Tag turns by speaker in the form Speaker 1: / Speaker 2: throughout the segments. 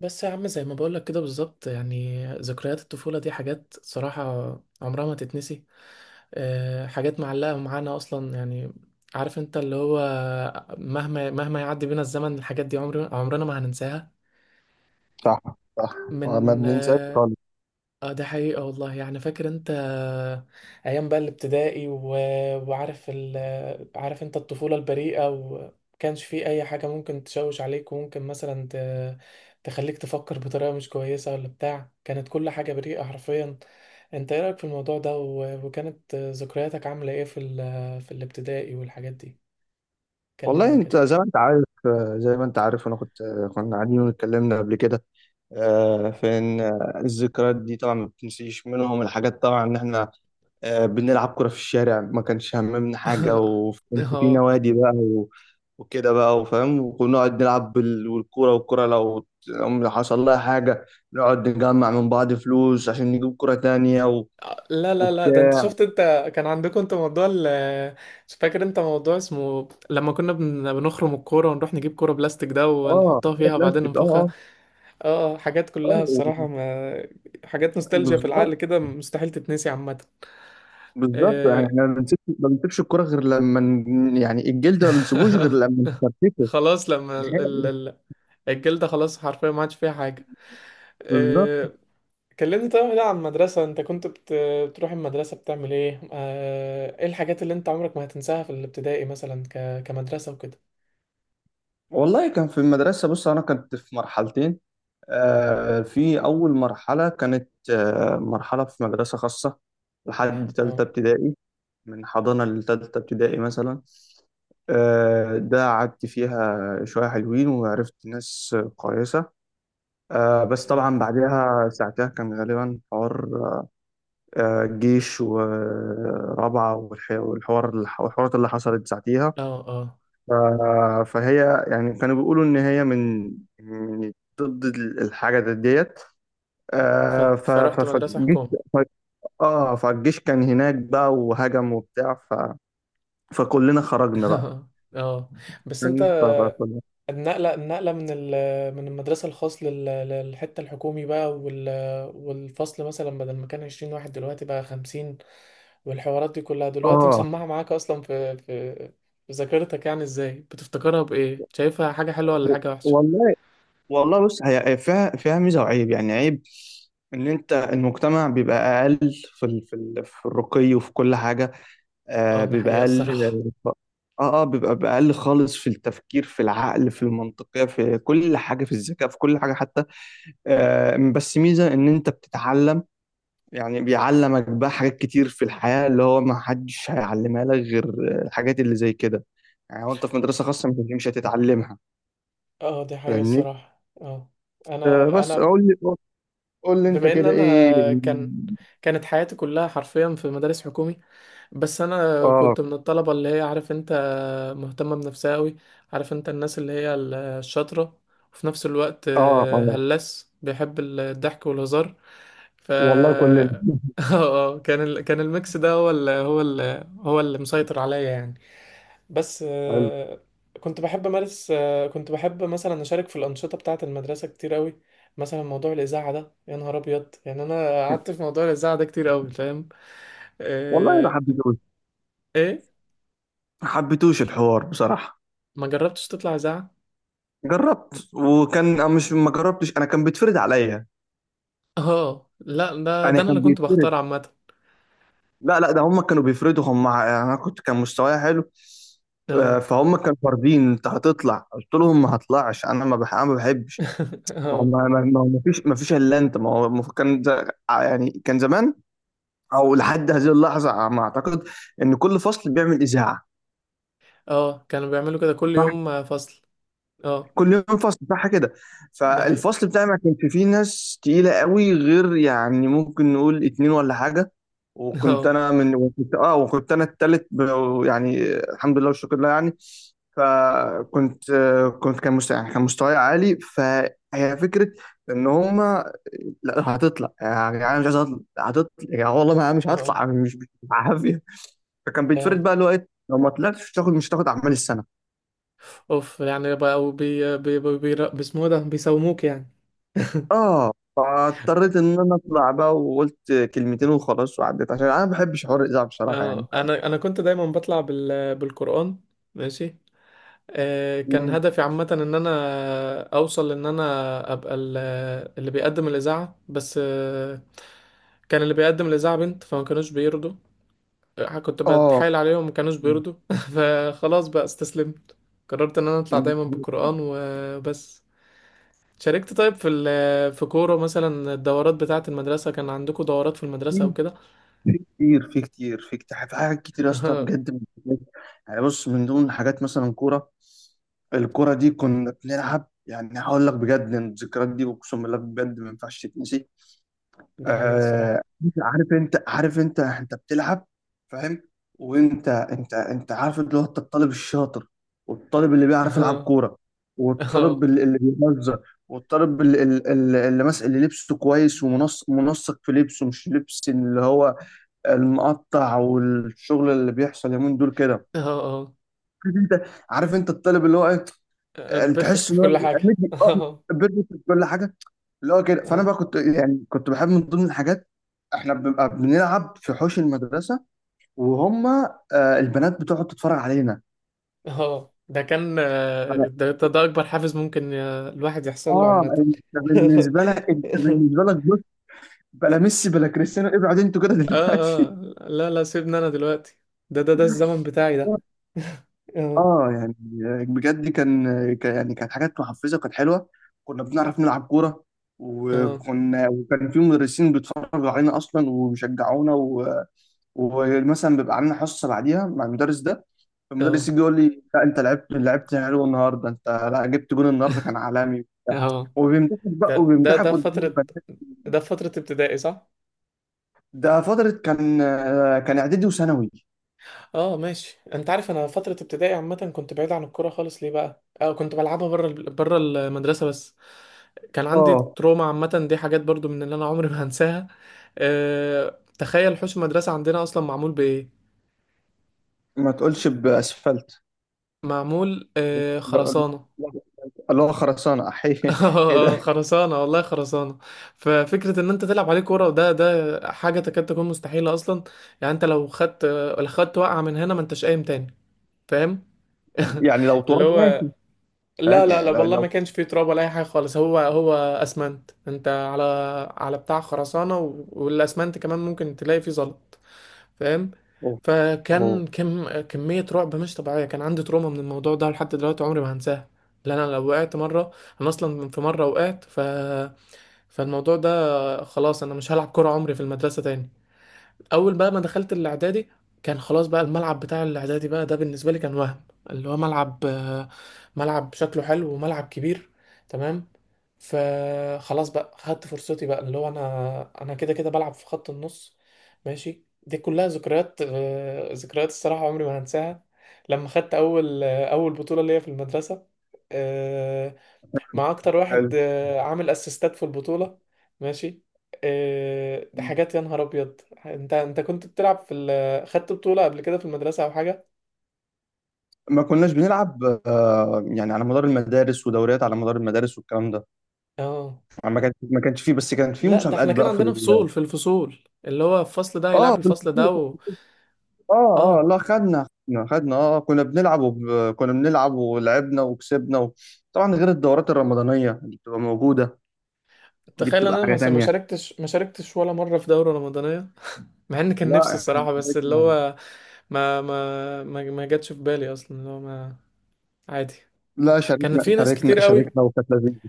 Speaker 1: بس يا عم زي ما بقولك كده بالظبط، يعني ذكريات الطفولة دي حاجات صراحة عمرها ما تتنسي. حاجات معلقة معانا أصلا يعني. عارف انت اللي هو مهما يعدي بينا الزمن الحاجات دي عمرنا ما هننساها
Speaker 2: صح. صح. ما
Speaker 1: من
Speaker 2: بننساش خالص.
Speaker 1: اه ده حقيقة والله. يعني فاكر انت ايام بقى الابتدائي وعارف ال... عارف انت الطفولة البريئة، ومكانش فيه اي حاجة ممكن تشوش عليك، وممكن مثلا تخليك تفكر بطريقة مش كويسة ولا بتاع. كانت كل حاجة بريئة حرفيا. انت ايه رأيك في الموضوع ده وكانت ذكرياتك عاملة ايه في الابتدائي والحاجات دي؟
Speaker 2: والله
Speaker 1: كلمني
Speaker 2: انت
Speaker 1: كده.
Speaker 2: زي ما انت عارف، زي ما انت عارف انا كنت آه، كنا قاعدين واتكلمنا قبل كده. في ان الذكريات دي طبعا ما بتنسيش منهم الحاجات، طبعا ان احنا بنلعب كرة في الشارع، ما كانش هممنا حاجة، وكان في
Speaker 1: اه،
Speaker 2: نوادي بقى وكده بقى وفاهم، ونقعد نلعب والكورة، والكورة لو لو حصل لها حاجة نقعد نجمع من بعض فلوس عشان نجيب كرة تانية
Speaker 1: لا ده انت
Speaker 2: وبتاع.
Speaker 1: شفت انت كان عندكم انت موضوع ال مش فاكر انت موضوع اسمه لما كنا بنخرم الكورة ونروح نجيب كورة بلاستيك ده
Speaker 2: اه
Speaker 1: ونحطها
Speaker 2: كرة
Speaker 1: فيها وبعدين
Speaker 2: بلاستيك،
Speaker 1: ننفخها.
Speaker 2: اه
Speaker 1: اه، حاجات
Speaker 2: اه
Speaker 1: كلها الصراحة
Speaker 2: اه.
Speaker 1: ما... حاجات نوستالجيا في العقل
Speaker 2: بالظبط،
Speaker 1: كده مستحيل تتنسي عامة.
Speaker 2: بالظبط. يعني
Speaker 1: آه،
Speaker 2: احنا ما بنسيبش الكرة غير لما يعني الجلد ما بنسيبوش غير لما نفرتكه
Speaker 1: خلاص لما
Speaker 2: نهائي.
Speaker 1: الجلدة خلاص حرفيا ما عادش فيها حاجة.
Speaker 2: بالظبط.
Speaker 1: آه، كلمني طيب بقى عن المدرسة. انت كنت بتروح المدرسة بتعمل ايه؟ ايه الحاجات اللي انت عمرك ما هتنساها في الابتدائي، مثلا كمدرسة وكده؟
Speaker 2: والله كان في المدرسة، بص أنا كنت في مرحلتين. في أول مرحلة كانت مرحلة في مدرسة خاصة لحد تالتة
Speaker 1: اه.
Speaker 2: ابتدائي. من حضانة لتالتة ابتدائي مثلا. ده قعدت فيها شوية حلوين وعرفت ناس كويسة. بس
Speaker 1: نعم.
Speaker 2: طبعا بعدها ساعتها كان غالبا حوار. الجيش ورابعة والحوار والحوارات اللي حصلت ساعتيها.
Speaker 1: اه اه،
Speaker 2: ف- فهي يعني كانوا بيقولوا إن هي من من ضد الحاجة ديت.
Speaker 1: ف... فرحت مدرسة
Speaker 2: فالجيش.
Speaker 1: حكومة.
Speaker 2: ف- اه فالجيش كان هناك بقى وهجم وبتاع. فكلنا خرجنا بقى.
Speaker 1: اه، بس انت
Speaker 2: فاهم؟
Speaker 1: النقلة من المدرسة الخاص للحتة الحكومي بقى والفصل مثلا بدل ما كان 20 واحد دلوقتي بقى 50، والحوارات دي كلها دلوقتي
Speaker 2: اه
Speaker 1: مسمعة معاك اصلا في في ذاكرتك. يعني ازاي بتفتكرها؟ بايه شايفها، حاجة حلوة ولا
Speaker 2: و-
Speaker 1: حاجة وحشة؟
Speaker 2: والله. والله بص هي هي فيها، فيها ميزة وعيب، يعني عيب ان انت المجتمع بيبقى اقل في الرقي وفي كل حاجة. آه
Speaker 1: اه ده
Speaker 2: بيبقى
Speaker 1: حقيقة
Speaker 2: اقل.
Speaker 1: الصراحة.
Speaker 2: اه اه بيبقى بأقل خالص في التفكير، في العقل، في المنطقية، في كل حاجة، في الذكاء، في كل حاجة حتى. آه بس ميزة ان انت بتتعلم، يعني بيعلمك بقى حاجات كتير في الحياة اللي هو ما حدش هيعلمها لك غير الحاجات اللي زي كده. يعني وانت في مدرسة خاصة مش هتتعلمها،
Speaker 1: اه، دي حقيقة
Speaker 2: فاهمني.
Speaker 1: الصراحة. اه، انا
Speaker 2: آه
Speaker 1: انا
Speaker 2: بس قول لي، قول لي انت
Speaker 1: بما ان
Speaker 2: كده
Speaker 1: انا
Speaker 2: ايه يعني.
Speaker 1: كانت حياتي كلها حرفيا في مدارس حكومي. بس انا
Speaker 2: اه
Speaker 1: كنت من الطلبة اللي هي عارف انت مهتمة بنفسها قوي. عارف انت الناس اللي هي الشاطرة، وفي نفس الوقت
Speaker 2: اه اه.
Speaker 1: هلاس بيحب الضحك والهزار. ف
Speaker 2: والله كلنا
Speaker 1: اه، كان كان الميكس ده هو اللي مسيطر عليا يعني. بس
Speaker 2: حلو.
Speaker 1: كنت بحب امارس كنت بحب مثلا اشارك في الانشطه بتاعه المدرسه كتير قوي. مثلا موضوع الاذاعه ده يا نهار ابيض، يعني انا قعدت في موضوع الاذاعه ده كتير قوي، فاهم؟
Speaker 2: والله ما
Speaker 1: آه،
Speaker 2: حبيتوش،
Speaker 1: ايه؟
Speaker 2: ما حبيتوش الحوار بصراحة.
Speaker 1: ما جربتش تطلع اذاعه؟
Speaker 2: جربت، وكان مش ما جربتش، انا كان بيتفرض عليا.
Speaker 1: اه لا، ده
Speaker 2: انا
Speaker 1: ده انا اللي
Speaker 2: كان
Speaker 1: كنت
Speaker 2: بيتفرض.
Speaker 1: بختار عامه.
Speaker 2: لا لا، ده هم كانوا بيفرضوا هم انا كنت، كان مستواي حلو.
Speaker 1: اه.
Speaker 2: فهم كانوا فاردين انت هتطلع. قلت لهم ما هطلعش، انا ما بح... أنا ما بحبش. ما هو
Speaker 1: اه.
Speaker 2: ما هو ما فيش الا انت. ما هو ما هو كان يعني كان زمان او لحد هذه اللحظه، ما اعتقد ان كل فصل بيعمل اذاعه.
Speaker 1: اه كانوا بيعملوا كده كل يوم فصل. اه،
Speaker 2: كل يوم فصل صح كده.
Speaker 1: دي حقيقه.
Speaker 2: فالفصل بتاعي ما كانش فيه ناس تقيلة قوي، غير يعني ممكن نقول اتنين ولا حاجة. وكنت
Speaker 1: اه.
Speaker 2: انا من وكنت اه وكنت انا التالت يعني الحمد لله والشكر لله يعني. فكنت آه، كنت كان مستوى، يعني كان مستواي عالي. فهي فكرة ان هما لا هتطلع يا جدعان، مش عايز اطلع، هتطلع يا جدعان، والله ما مش
Speaker 1: اه
Speaker 2: هطلع، مش مش بالعافية. فكان بيتفرض
Speaker 1: اه
Speaker 2: بقى، اللي هو ايه، لو ما طلعتش مش هتاخد، مش هتاخد اعمال السنة.
Speaker 1: اوف، يعني بقوا بي اسمه إيه ده، بيساوموك يعني.
Speaker 2: اه فاضطريت ان انا اطلع بقى، وقلت كلمتين وخلاص وعديت، عشان انا ما بحبش حوار الاذاعه بصراحه يعني.
Speaker 1: اه انا كنت دايما بطلع بال بالقرآن. ماشي. آه كان
Speaker 2: مم.
Speaker 1: هدفي عامة ان انا اوصل ان انا ابقى اللي بيقدم الاذاعة، بس آه كان اللي بيقدم الاذاعة بنت فما كانوش بيرضوا. كنت
Speaker 2: اه.
Speaker 1: بتحايل عليهم ما كانوش بيرضوا. فخلاص بقى استسلمت. قررت ان انا اطلع
Speaker 2: مم.
Speaker 1: دايما بالقرآن وبس. شاركت طيب في كورة مثلا؟ الدورات بتاعة المدرسة، كان عندكم دورات في المدرسة او كده؟
Speaker 2: في في كتير في كتير في كتير في حاجات كتير يا اسطى بجد. يعني بص، من ضمن حاجات مثلا كوره. الكوره دي كنا بنلعب، يعني هقول لك بجد إن الذكريات دي اقسم بالله بجد ما ينفعش تتنسي.
Speaker 1: دي حقيقة الصراحة.
Speaker 2: آه. عارف انت انت بتلعب، فاهم. وانت انت عارف اللي هو انت الطالب الشاطر، والطالب اللي بيعرف يلعب كوره، والطالب
Speaker 1: اه.
Speaker 2: اللي بيهزر، والطالب اللي ماسك، اللي لبسه كويس ومنسق، منسق في لبسه، مش لبس اللي هو المقطع والشغل اللي بيحصل يومين دول كده.
Speaker 1: اه
Speaker 2: عارف انت، عارف انت الطالب اللي هو ايه،
Speaker 1: اه
Speaker 2: اللي تحس
Speaker 1: بيرفكت
Speaker 2: ان
Speaker 1: في
Speaker 2: هو
Speaker 1: كل حاجة.
Speaker 2: مدي- اه،
Speaker 1: اه
Speaker 2: بيرفكت في كل حاجه. اللي هو كده. فانا
Speaker 1: اه
Speaker 2: بقى كنت، يعني كنت بحب من ضمن الحاجات احنا بنبقى بنلعب في حوش المدرسه، وهم آه البنات بتقعد تتفرج علينا.
Speaker 1: اه ده كان
Speaker 2: فأنا-
Speaker 1: ده أكبر حافز ممكن الواحد يحصل له
Speaker 2: اه
Speaker 1: عامة.
Speaker 2: انت، بالنسبه لك، انت
Speaker 1: اه.
Speaker 2: بالنسبه لك بص، بلا ميسي بلا كريستيانو، ابعد انتوا كده
Speaker 1: اه
Speaker 2: دلوقتي.
Speaker 1: لا سيبني أنا دلوقتي، ده ده الزمن بتاعي ده. اه
Speaker 2: اه يعني، بجد يعني كانت حاجات محفزه وكانت حلوه. كنا بنعرف نلعب كوره،
Speaker 1: اه
Speaker 2: وكنا وكان في مدرسين بيتفرجوا علينا اصلا وبيشجعونا، و... ومثلا بيبقى عندنا حصه بعديها مع المدرس ده. المدرس
Speaker 1: اه
Speaker 2: يجي يقول لي لا انت لعبت، لعبت حلو النهارده، انت لا جبت جون النهارده، كان عالمي وبتاع.
Speaker 1: اه
Speaker 2: وبيمدحك بقى،
Speaker 1: ده ده
Speaker 2: وبيمدحك
Speaker 1: ده
Speaker 2: قدام
Speaker 1: فترة،
Speaker 2: البنات.
Speaker 1: ده فترة ابتدائي صح؟
Speaker 2: ده فتره، كان كان اعدادي وثانوي.
Speaker 1: اه ماشي. انت عارف انا فترة ابتدائي عامة كنت بعيد عن الكورة خالص. ليه بقى؟ اه كنت بلعبها بره بره المدرسة بس. كان عندي
Speaker 2: اه
Speaker 1: تروما عامة، دي حاجات برضو من اللي انا عمري ما هنساها. اه تخيل حوش المدرسة عندنا اصلا معمول بايه؟
Speaker 2: ما تقولش باسفلت.
Speaker 1: معمول
Speaker 2: لا-
Speaker 1: اه
Speaker 2: لا-
Speaker 1: خرسانة.
Speaker 2: لا- اللي هو خرسانه احيه. ايه
Speaker 1: آه،
Speaker 2: ده.
Speaker 1: خرسانة والله، خرسانة. ففكرة ان انت تلعب عليه كورة ده حاجة تكاد تكون مستحيلة اصلا. يعني انت لو خدت، لو خدت وقعة من هنا ما انتش قايم تاني، فاهم؟
Speaker 2: يعني لو
Speaker 1: اللي
Speaker 2: تراب
Speaker 1: هو
Speaker 2: ماشي،
Speaker 1: لا
Speaker 2: فاهم
Speaker 1: لا لا
Speaker 2: يعني لو
Speaker 1: والله ما
Speaker 2: لو.
Speaker 1: كانش فيه تراب ولا اي حاجه خالص، هو اسمنت انت على على بتاع خرسانه والاسمنت كمان ممكن تلاقي فيه زلط، فاهم؟
Speaker 2: أوه. أوه.
Speaker 1: فكان كم كميه رعب مش طبيعيه. كان عندي تروما من الموضوع ده لحد دلوقتي عمري ما هنساه. لان انا لو وقعت مره، انا اصلا في مره وقعت، ف فالموضوع ده خلاص، انا مش هلعب كوره عمري في المدرسه تاني. اول بقى ما دخلت الاعدادي كان خلاص بقى الملعب بتاع الاعدادي بقى ده بالنسبه لي كان وهم. اللي هو ملعب ملعب شكله حلو وملعب كبير، تمام. فخلاص بقى خدت فرصتي بقى اللي هو انا، كده كده بلعب في خط النص. ماشي، دي كلها ذكريات ذكريات الصراحه عمري ما هنساها. لما خدت اول اول بطوله ليا في المدرسه، آه، مع اكتر واحد
Speaker 2: حلو.
Speaker 1: عامل اسيستات في البطولة. ماشي. ده حاجات يا نهار ابيض. انت انت كنت بتلعب خدت بطولة قبل كده في المدرسة او حاجة؟
Speaker 2: ما كناش بنلعب، يعني على مدار المدارس ودوريات على مدار المدارس والكلام ده.
Speaker 1: اه
Speaker 2: يعني ما كانش فيه، بس كان فيه
Speaker 1: لا، ده
Speaker 2: مسابقات
Speaker 1: احنا كان
Speaker 2: بقى
Speaker 1: عندنا فصول في الفصول، اللي هو الفصل ده
Speaker 2: اه
Speaker 1: هيلعب
Speaker 2: في
Speaker 1: الفصل ده
Speaker 2: الفصول. اه اه.
Speaker 1: اه.
Speaker 2: لا خدنا، كنا كنا بنلعب ولعبنا وكسبنا. و... طبعا غير الدورات الرمضانية اللي بتبقى موجودة، دي
Speaker 1: تخيل
Speaker 2: بتبقى
Speaker 1: انا ما
Speaker 2: حاجة
Speaker 1: ما
Speaker 2: تانية.
Speaker 1: شاركتش، ما شاركتش ولا مرة في دورة رمضانية. مع ان كان نفسي
Speaker 2: لا احنا
Speaker 1: الصراحة، بس اللي
Speaker 2: شاركنا.
Speaker 1: هو ما ما جاتش في بالي اصلا اللي هو ما. عادي.
Speaker 2: لا
Speaker 1: كان
Speaker 2: شاركنا،
Speaker 1: في ناس كتير
Speaker 2: شاركنا
Speaker 1: قوي،
Speaker 2: شاركنا وكانت لذيذة.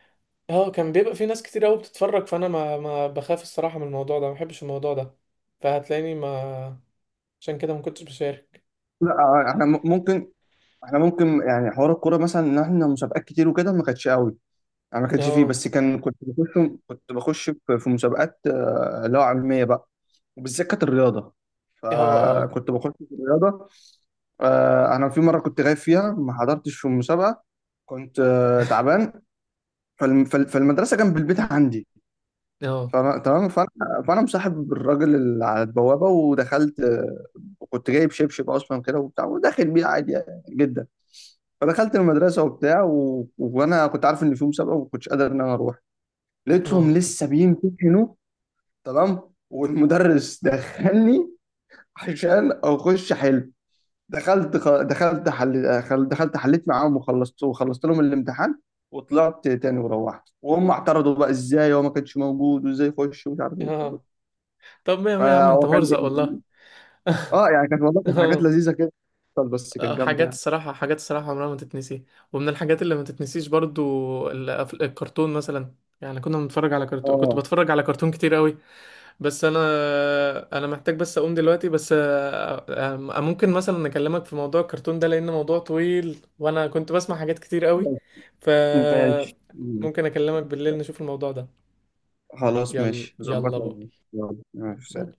Speaker 1: اه كان بيبقى في ناس كتير قوي بتتفرج، فانا ما بخاف الصراحه من الموضوع ده، ما بحبش الموضوع ده. فهتلاقيني ما عشان كده ما كنتش بشارك.
Speaker 2: لا احنا ممكن، احنا ممكن يعني حوار الكورة مثلا، ان احنا مسابقات كتير وكده ما كانتش قوي، انا ما كانش فيه.
Speaker 1: اه.
Speaker 2: بس كان كنت بخش، كنت بخش في في مسابقات اللي هو علميه بقى، وبالذات كانت الرياضه.
Speaker 1: اه. اه.
Speaker 2: فكنت بخش في الرياضه. انا في مره كنت غايب فيها، ما حضرتش في المسابقه، كنت تعبان. فالمدرسه جنب البيت عندي،
Speaker 1: اه.
Speaker 2: فأنا تمام. فانا فانا مصاحب الراجل اللي على البوابه، ودخلت. وكنت جايب شبشب اصلا كده وبتاع وداخل بيه عادي يعني جدا. فدخلت المدرسه وبتاع، و... وانا كنت عارف ان في مسابقه وما كنتش قادر ان انا اروح. لقيتهم
Speaker 1: اه.
Speaker 2: لسه بيمتحنوا، تمام، والمدرس دخلني عشان اخش حل. دخلت خ... دخلت حل... خل- دخلت حليت معاهم وخلصت، وخلصت لهم الامتحان وطلعت تاني وروحت. وهم اعترضوا بقى ازاي هو ما كانش موجود، وازاي يخش، ومش عارف ايه.
Speaker 1: اه. طب ما ما يا عم
Speaker 2: فهو
Speaker 1: انت
Speaker 2: كان
Speaker 1: مرزق والله.
Speaker 2: اه. يعني كانت، والله كانت حاجات
Speaker 1: اه.
Speaker 2: لذيذه كده، بس كانت جامده
Speaker 1: حاجات
Speaker 2: يعني.
Speaker 1: الصراحه، حاجات الصراحه عمرها ما تتنسي. ومن الحاجات اللي ما تتنسيش برضو الكرتون مثلا. يعني كنا بنتفرج على كرتون، كنت
Speaker 2: اه
Speaker 1: بتفرج على كرتون كتير قوي. بس انا، محتاج بس اقوم دلوقتي، بس ممكن مثلا اكلمك في موضوع الكرتون ده؟ لان موضوع طويل وانا كنت بسمع حاجات كتير قوي. ف
Speaker 2: ماشي.
Speaker 1: ممكن اكلمك بالليل نشوف الموضوع ده.
Speaker 2: خلاص
Speaker 1: يلا
Speaker 2: ماشي،
Speaker 1: يلا
Speaker 2: ظبطها.
Speaker 1: باي.
Speaker 2: يلا ماشي،
Speaker 1: باي.
Speaker 2: سلام.